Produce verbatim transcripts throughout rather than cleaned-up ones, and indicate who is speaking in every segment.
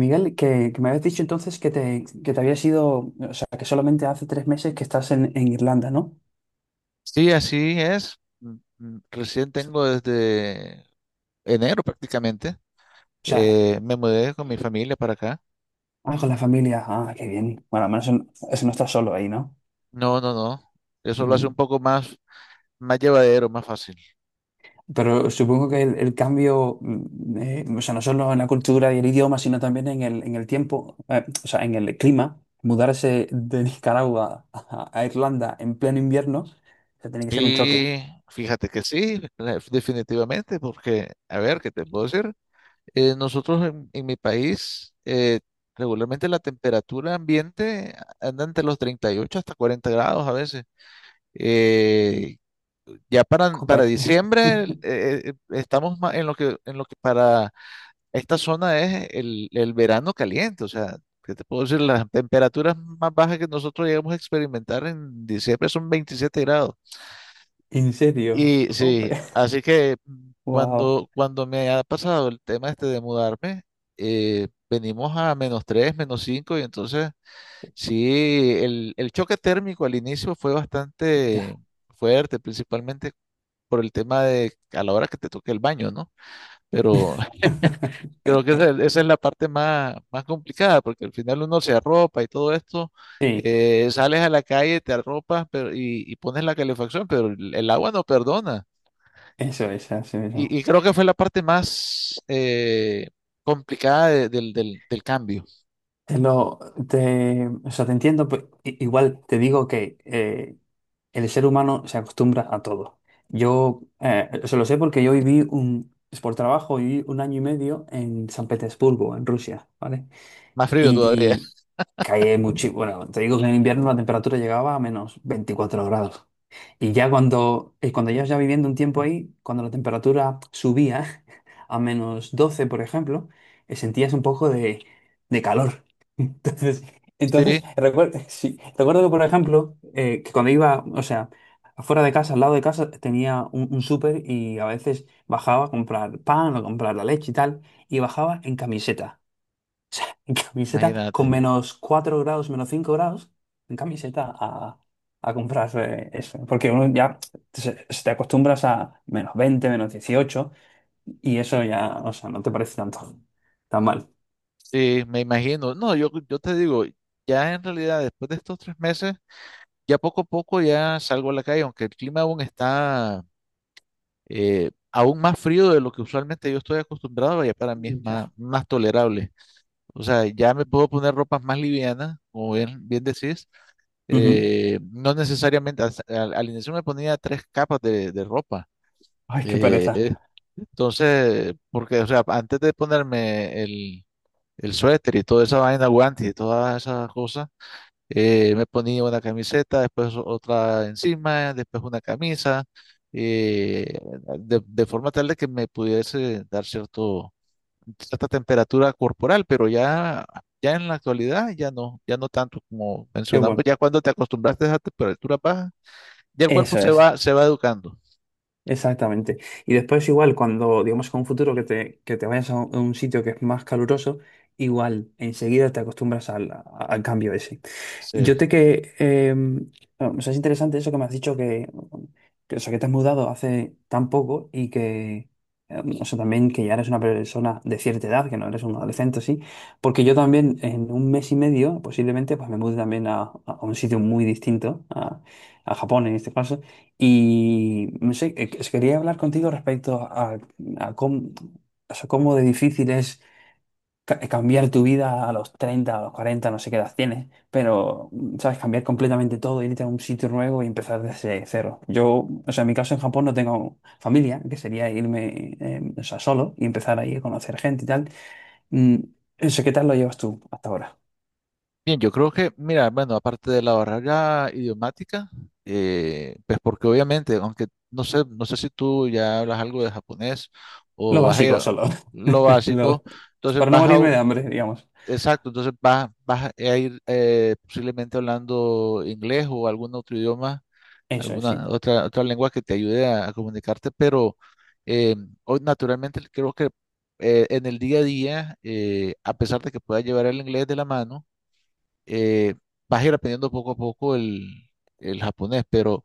Speaker 1: Miguel, que, que me habías dicho entonces que te, que te habías ido, o sea, que solamente hace tres meses que estás en, en Irlanda, ¿no? O
Speaker 2: Sí, así es. Mm, mm, Recién tengo desde enero prácticamente.
Speaker 1: sea,
Speaker 2: Eh, me mudé con mi familia para acá.
Speaker 1: ah, con la familia, ah, qué bien. Bueno, al menos en- eso no estás solo ahí, ¿no?
Speaker 2: No, no, no. Eso lo hace un
Speaker 1: Mm.
Speaker 2: poco más, más llevadero, más fácil.
Speaker 1: Pero supongo que el, el cambio, mm, eh, o sea, no solo en la cultura y el idioma, sino también en el, en el tiempo, eh, o sea, en el clima, mudarse de Nicaragua a, a Irlanda en pleno invierno, o sea, tiene que ser un choque.
Speaker 2: Sí, fíjate que sí, la- definitivamente, porque, a ver, ¿qué te puedo decir? Eh, nosotros en, en mi país, eh, regularmente la temperatura ambiente anda entre los treinta y ocho hasta cuarenta grados a veces. Eh, Ya para,
Speaker 1: Jope.
Speaker 2: para diciembre el- eh, eh, estamos ma- en lo que, en lo que para esta zona es el, el verano caliente. O sea, ¿qué te puedo decir? Las temperaturas más bajas que nosotros llegamos a experimentar en diciembre son veintisiete grados.
Speaker 1: ¿En serio?
Speaker 2: Y
Speaker 1: Jope.
Speaker 2: sí, así que mm,
Speaker 1: Wow.
Speaker 2: cuando, cuando me ha pasado el tema este de mudarme, eh, venimos a menos tres menos cinco y entonces sí, el, el choque térmico al inicio fue bastante fuerte, principalmente por el tema de a la hora que te toque el baño, ¿no? Pero creo que esa, esa es la parte más, más complicada, porque al final uno se arropa y todo esto,
Speaker 1: Sí,
Speaker 2: eh, sales a la calle, te arropas pero, y, y pones la calefacción, pero el, el agua no perdona.
Speaker 1: eso es, así
Speaker 2: Y,
Speaker 1: mismo.
Speaker 2: y creo que fue la parte más eh, complicada de- del, del, del cambio,
Speaker 1: Te lo, te, o sea, te entiendo, pues, i- igual te digo que eh, el ser humano se acostumbra a todo. Yo eh, se lo sé porque yo viví un, es por trabajo, viví un año y medio en San Petersburgo, en Rusia, ¿vale?
Speaker 2: más frío todavía.
Speaker 1: Y caí mucho, bueno, te digo que en invierno la temperatura llegaba a menos veinticuatro grados. Y ya cuando, y cuando llevas ya viviendo un tiempo ahí, cuando la temperatura subía a menos doce por ejemplo, eh, sentías un poco de, de calor. Entonces, entonces
Speaker 2: Sí,
Speaker 1: recuerdo, sí, recuerdo que, por ejemplo, eh, que cuando iba, o sea, afuera de casa, al lado de casa, tenía un, un súper y a veces bajaba a comprar pan o comprar la leche y tal, y bajaba en camiseta sea, en camiseta
Speaker 2: imagínate.
Speaker 1: con menos cuatro grados, menos cinco grados, en camiseta a, a comprar eh, eso. Porque uno ya se, se te acostumbras a menos veinte menos dieciocho y eso ya, o sea, no te parece tanto tan mal.
Speaker 2: Sí, me imagino. No, yo, yo te digo, ya en realidad después de estos tres meses, ya poco a poco ya salgo a la calle, aunque el clima aún está eh, aún más frío de lo que usualmente yo estoy acostumbrado, ya para mí es más,
Speaker 1: Ya.
Speaker 2: más tolerable. O sea, ya me puedo poner ropas más livianas, como bien, bien decís.
Speaker 1: Ujú.
Speaker 2: Eh, no necesariamente, al, al- al inicio me ponía tres capas de, de ropa.
Speaker 1: Ay, qué
Speaker 2: Eh,
Speaker 1: pereza.
Speaker 2: eh, entonces, porque, o sea, antes de ponerme el, el suéter y toda esa vaina, guantes y todas esas cosas eh, me ponía una camiseta, después otra encima, después una camisa, eh, de, de forma tal de que me pudiese dar cierto, cierta temperatura corporal, pero ya, ya en la actualidad ya no, ya no tanto como
Speaker 1: Qué
Speaker 2: mencionamos,
Speaker 1: bueno.
Speaker 2: ya cuando te acostumbraste a esa temperatura baja, ya el cuerpo
Speaker 1: Eso
Speaker 2: se
Speaker 1: es.
Speaker 2: va, se va educando.
Speaker 1: Exactamente. Y después igual, cuando digamos con un futuro que te, que te vayas a un a un sitio que es más caluroso, igual enseguida te acostumbras al, a- al cambio ese.
Speaker 2: Sí.
Speaker 1: Yo te que... eh, bueno, o sea, es interesante eso que me has dicho que, que, o sea, que te has mudado hace tan poco y que... eh, o sea, también que ya eres una persona de cierta edad, que no eres un adolescente, sí, porque yo también en un mes y medio posiblemente pues me mude también a, a- a un sitio muy distinto, a, a Japón en este caso, y no sé, eh, que- quería hablar contigo respecto a, a cómo, o sea, cómo de difícil es ca- eh, cambiar tu vida a los treinta a los cuarenta no sé qué edad tienes, pero, mm, ¿sabes? Cambiar completamente todo, irte a un sitio nuevo y empezar desde cero. Yo, o sea, en mi caso en Japón no tengo familia, que sería irme, eh, o sea, solo y empezar ahí a conocer gente y tal. Mm, eso, ¿qué tal lo llevas tú hasta ahora?
Speaker 2: Bien, yo creo que, mira, bueno, aparte de la barrera idiomática, eh, pues porque obviamente, aunque no sé, no sé si tú ya hablas algo de japonés
Speaker 1: Lo
Speaker 2: o vas a
Speaker 1: básico
Speaker 2: ir
Speaker 1: solo.
Speaker 2: lo básico,
Speaker 1: Lo-
Speaker 2: entonces
Speaker 1: Para no
Speaker 2: vas a,
Speaker 1: morirme
Speaker 2: u-
Speaker 1: de hambre, digamos.
Speaker 2: exacto, entonces vas, vas a ir eh, posiblemente hablando inglés o algún otro idioma,
Speaker 1: Eso es, sí.
Speaker 2: alguna otra, otra lengua que te ayude a, a comunicarte, pero eh, hoy naturalmente creo que eh, en el día a día, eh, a pesar de que pueda llevar el inglés de la mano, eh, vas a ir aprendiendo poco a poco el, el japonés, pero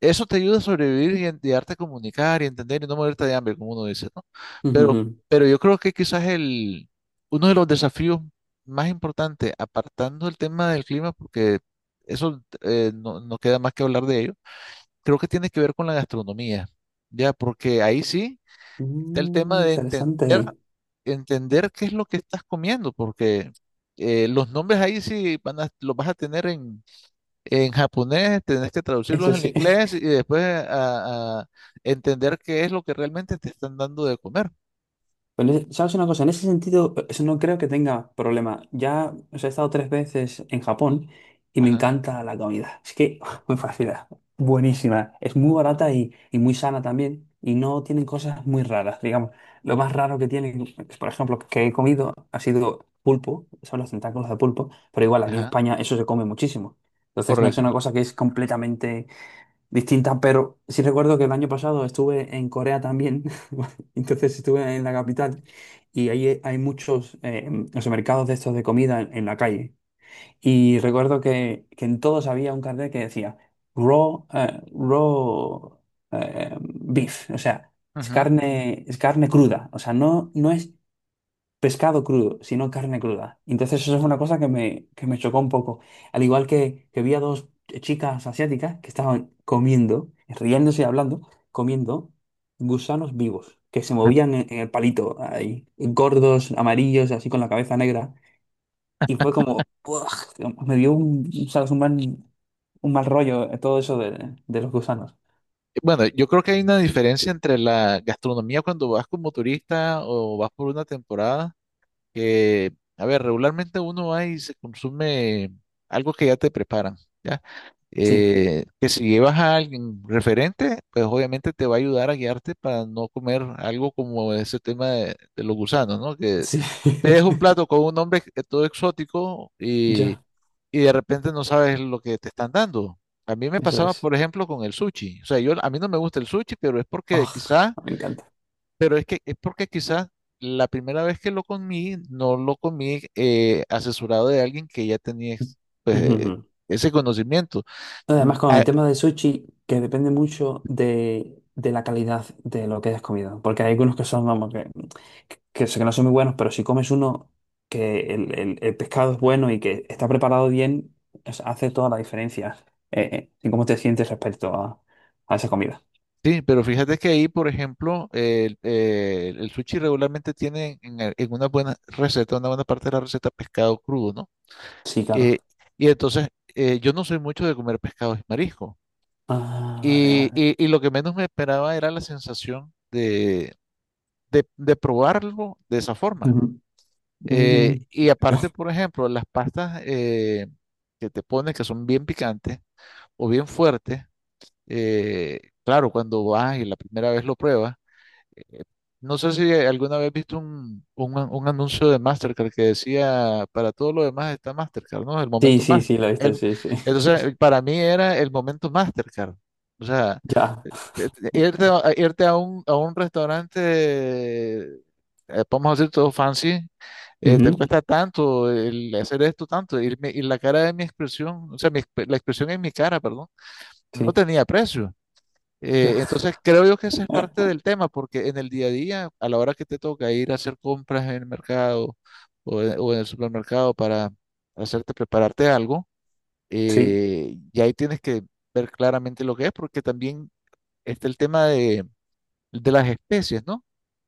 Speaker 2: eso te ayuda a sobrevivir y, en- y darte a comunicar y entender y no morirte de hambre, como uno dice, ¿no? Pero, pero yo creo que quizás el, uno de los desafíos más importantes, apartando el tema del clima, porque eso eh, no, no queda más que hablar de ello, creo que tiene que ver con la gastronomía, ¿ya? Porque ahí sí está el tema
Speaker 1: Mm,
Speaker 2: de entender,
Speaker 1: interesante.
Speaker 2: entender qué es lo que estás comiendo, porque eh, los nombres ahí sí van a, los vas a tener en en japonés, tenés que traducirlos
Speaker 1: Eso
Speaker 2: al
Speaker 1: sí.
Speaker 2: inglés y después a, a entender qué es lo que realmente te están dando de comer.
Speaker 1: Pues en ese- ¿sabes una cosa? En ese sentido, eh, eso no creo que tenga problema. Ya, o sea, he estado tres veces en Japón y me
Speaker 2: Ajá,
Speaker 1: encanta la comida. Es que muy fascina. Buenísima. Es muy barata y, y muy sana también. Y no tienen cosas muy raras, digamos. Lo más raro que tienen, es, por ejemplo, que he comido ha sido pulpo. Son los tentáculos de pulpo. Pero igual, aquí en
Speaker 2: ajá,
Speaker 1: España eso se come muchísimo. Entonces no es una
Speaker 2: correcto.
Speaker 1: cosa que es completamente distintas, pero sí recuerdo que el año pasado estuve en Corea también, entonces estuve en la capital y ahí hay muchos eh, o sea, mercados de estos de comida en, en la calle. Y recuerdo que, que en todos había un cartel que decía raw, eh, raw eh, beef, o sea, es
Speaker 2: Ujú.
Speaker 1: carne, es carne cruda, o sea, no, no es pescado crudo, sino carne cruda. Entonces eso es una cosa que me, que me chocó un poco. Al igual que, que vi a dos chicas asiáticas que estaban comiendo, riéndose y hablando, comiendo gusanos vivos, que se movían en, en el palito, ahí, gordos, amarillos, así con la cabeza negra. Y fue como, ¡buah! Me dio un, ¿sabes? Un mal, un mal rollo eh, todo eso de, de los gusanos.
Speaker 2: Bueno, yo creo que hay una diferencia entre la gastronomía cuando vas como turista o vas por una temporada, que, a ver, regularmente uno va y se consume algo que ya te preparan, ¿ya?
Speaker 1: Sí,
Speaker 2: Eh, que si llevas a alguien referente, pues obviamente te va a ayudar a guiarte para no comer algo como ese tema de, de los gusanos, ¿no? Que
Speaker 1: sí.
Speaker 2: te es un plato con un nombre que- todo exótico y,
Speaker 1: Ya,
Speaker 2: y de repente no sabes lo que te están dando. A mí me
Speaker 1: eso
Speaker 2: pasaba,
Speaker 1: es.
Speaker 2: por ejemplo, con el sushi. O sea, yo a mí no me gusta el sushi, pero es porque
Speaker 1: Ah,
Speaker 2: quizás,
Speaker 1: me encanta.
Speaker 2: pero es que es porque quizás la primera vez que lo comí, no lo comí eh, asesorado de alguien que ya tenía ex- pues, eh, ese conocimiento. Mm,
Speaker 1: Además, con el
Speaker 2: a-
Speaker 1: tema del sushi, que depende mucho de, de la calidad de lo que hayas comido. Porque hay algunos que son, vamos, que, que, sé que no son muy buenos, pero si comes uno que el, el- el pescado es bueno y que está preparado bien, es- hace toda la diferencia eh, eh, en cómo te sientes respecto a, a esa comida.
Speaker 2: Sí, pero fíjate que ahí, por ejemplo, el, eh, el sushi regularmente tiene en, el- en una buena receta, una buena parte de la receta pescado crudo, ¿no?
Speaker 1: Sí, claro.
Speaker 2: Eh, y entonces, eh, yo no soy mucho de comer pescados y mariscos.
Speaker 1: Ah, vale,
Speaker 2: Y,
Speaker 1: vale.
Speaker 2: y- y lo que menos me esperaba era la sensación de, de, de probarlo de esa forma.
Speaker 1: Ujú.
Speaker 2: Eh,
Speaker 1: Mm.
Speaker 2: y aparte, por ejemplo, las pastas eh, que te ponen, que son bien picantes o bien fuertes, eh, claro, cuando vas y la primera vez lo pruebas, eh, no sé si alguna vez viste un, un, an- un anuncio de Mastercard que decía, para todo lo demás está Mastercard, ¿no? El
Speaker 1: Sí,
Speaker 2: momento
Speaker 1: sí,
Speaker 2: más.
Speaker 1: sí, lo viste,
Speaker 2: El,
Speaker 1: sí, sí. sí,
Speaker 2: entonces,
Speaker 1: sí.
Speaker 2: eh, para mí era el momento Mastercard. O sea,
Speaker 1: Ya.
Speaker 2: eh, eh, irte, a, a- irte a un, a un restaurante, eh, vamos a decir todo fancy, eh, te
Speaker 1: Ujú.
Speaker 2: cuesta tanto, el hacer esto tanto, y, mi- y la cara de mi expresión, o sea, mi exp- la expresión en mi cara, perdón, no
Speaker 1: Sí,
Speaker 2: tenía precio.
Speaker 1: ya.
Speaker 2: Eh, entonces creo yo que ese es parte del tema, porque en el día a día, a la hora que te toca ir a hacer compras en el mercado o en, o en el supermercado para hacerte prepararte algo,
Speaker 1: Sí.
Speaker 2: eh, y ahí tienes que ver claramente lo que es, porque también está el tema de, de las especies, ¿no?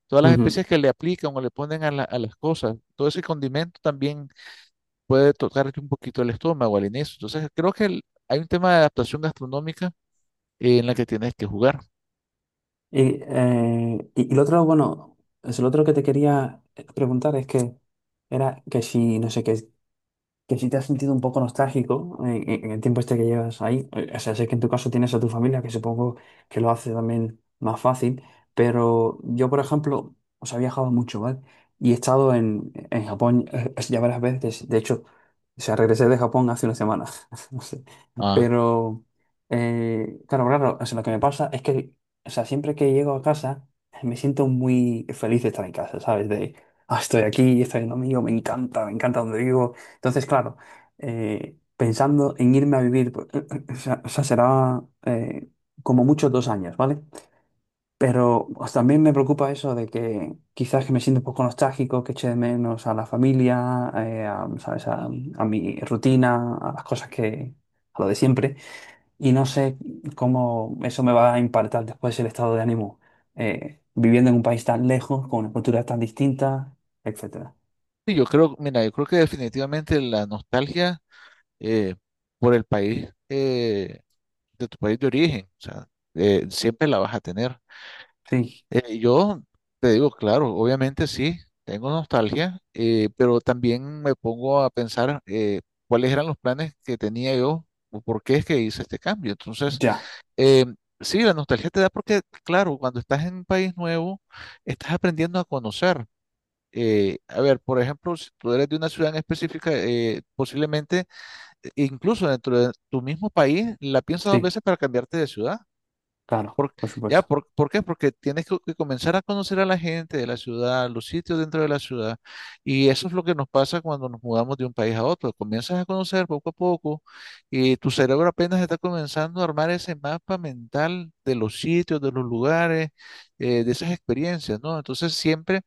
Speaker 2: Todas las especies que le aplican o le ponen a, la- a las cosas, todo ese condimento también puede tocarte un poquito el estómago al inicio. Entonces creo que el- hay un tema de adaptación gastronómica eh, en la que tienes que jugar.
Speaker 1: Y, eh, y, y lo otro, bueno, es lo otro que te quería preguntar es que era que si, no sé qué, que si te has sentido un poco nostálgico en, en- en el tiempo este que llevas ahí. Eh, o sea, sé que en tu caso tienes a tu familia, que supongo que lo hace también más fácil, pero yo, por ejemplo, os he viajado mucho, ¿vale? Y he estado en, en Japón eh, ya varias veces, de hecho, o sea, regresé de Japón hace una semana, no sé,
Speaker 2: Ah,
Speaker 1: pero, eh, claro, claro, o sea, lo que me pasa es que, o sea, siempre que llego a casa, me siento muy feliz de estar en casa, ¿sabes? De, ah, estoy aquí, estoy en lo mío, me encanta, me encanta donde vivo. Entonces, claro, eh, pensando en irme a vivir, pues, o sea, o sea, será eh, como mucho dos años, ¿vale? Pero pues, también me preocupa eso de que quizás que me siento un poco nostálgico, que eche de menos a la familia, eh, a, ¿sabes? A, a mi rutina, a las cosas que, a lo de siempre. Y no sé cómo eso me va a impactar después el estado de ánimo, eh, viviendo en un país tan lejos, con una cultura tan distinta, etcétera.
Speaker 2: sí, yo creo, mira, yo creo que definitivamente la nostalgia eh, por el país eh, de tu país de origen, o sea, eh, siempre la vas a tener.
Speaker 1: Sí,
Speaker 2: Eh, yo te digo, claro, obviamente sí, tengo nostalgia, eh, pero también me pongo a pensar eh, cuáles eran los planes que tenía yo o por qué es que hice este cambio. Entonces,
Speaker 1: ya,
Speaker 2: eh, sí, la nostalgia te da porque, claro, cuando estás en un país nuevo, estás aprendiendo a conocer eh, a ver, por ejemplo, si tú eres de una ciudad en específica, eh, posiblemente, eh, incluso dentro de tu mismo país, la piensas dos
Speaker 1: sí,
Speaker 2: veces para cambiarte de ciudad.
Speaker 1: claro, por
Speaker 2: ¿Ya?
Speaker 1: supuesto.
Speaker 2: ¿Por, por qué? Porque tienes que, que comenzar a conocer a la gente de la ciudad, los sitios dentro de la ciudad. Y eso es lo que nos pasa cuando nos mudamos de un país a otro. Comienzas a conocer poco a poco y tu cerebro apenas está comenzando a armar ese mapa mental de los sitios, de los lugares, eh, de esas experiencias, ¿no? Entonces, siempre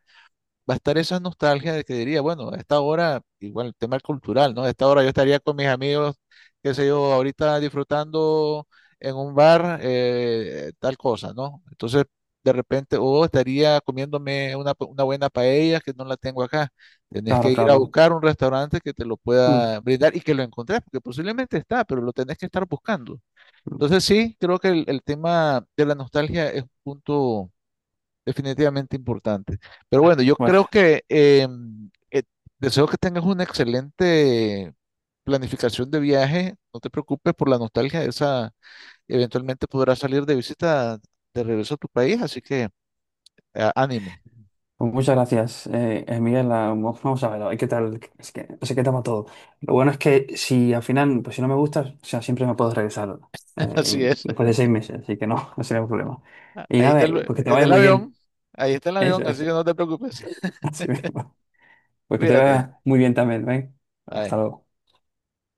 Speaker 2: va a estar esa nostalgia de que diría, bueno, a esta hora, igual el tema cultural, ¿no? A esta hora yo estaría con mis amigos, qué sé yo, ahorita disfrutando en un bar eh, tal cosa, ¿no? Entonces, de repente, o estaría comiéndome una, pa- una buena paella que no la tengo acá. Tenés
Speaker 1: Claro,
Speaker 2: que ir a
Speaker 1: claro.
Speaker 2: buscar un restaurante que te lo
Speaker 1: Mm.
Speaker 2: pueda brindar y que lo encontrés, porque posiblemente está, pero lo tenés que estar buscando.
Speaker 1: Mm.
Speaker 2: Entonces, sí, creo que el, el tema de la nostalgia es un punto definitivamente importante. Pero bueno, yo
Speaker 1: Bueno,
Speaker 2: creo que eh, eh, deseo que tengas una excelente planificación de viaje. No te preocupes por la nostalgia, esa eventualmente podrás salir de visita de regreso a tu país, así que eh, ánimo.
Speaker 1: pues muchas gracias, eh, eh, Miguel. Ah, mo- Vamos a ver, a ver qué tal, es que, no sé qué toma todo. Lo bueno es que si al final, pues si no me gusta, o sea, siempre me puedo regresar
Speaker 2: Así
Speaker 1: eh,
Speaker 2: es.
Speaker 1: después de seis meses, así que no, no sería un problema. Y
Speaker 2: Ahí
Speaker 1: nada,
Speaker 2: está
Speaker 1: eh,
Speaker 2: el,
Speaker 1: pues que te
Speaker 2: está
Speaker 1: vaya
Speaker 2: el
Speaker 1: muy
Speaker 2: avión,
Speaker 1: bien.
Speaker 2: ahí está el
Speaker 1: Eso,
Speaker 2: avión, así
Speaker 1: eso,
Speaker 2: que no te preocupes.
Speaker 1: así mismo. Pues que te
Speaker 2: Cuídate.
Speaker 1: vaya muy bien también, ¿ven? Hasta
Speaker 2: Bye.
Speaker 1: luego.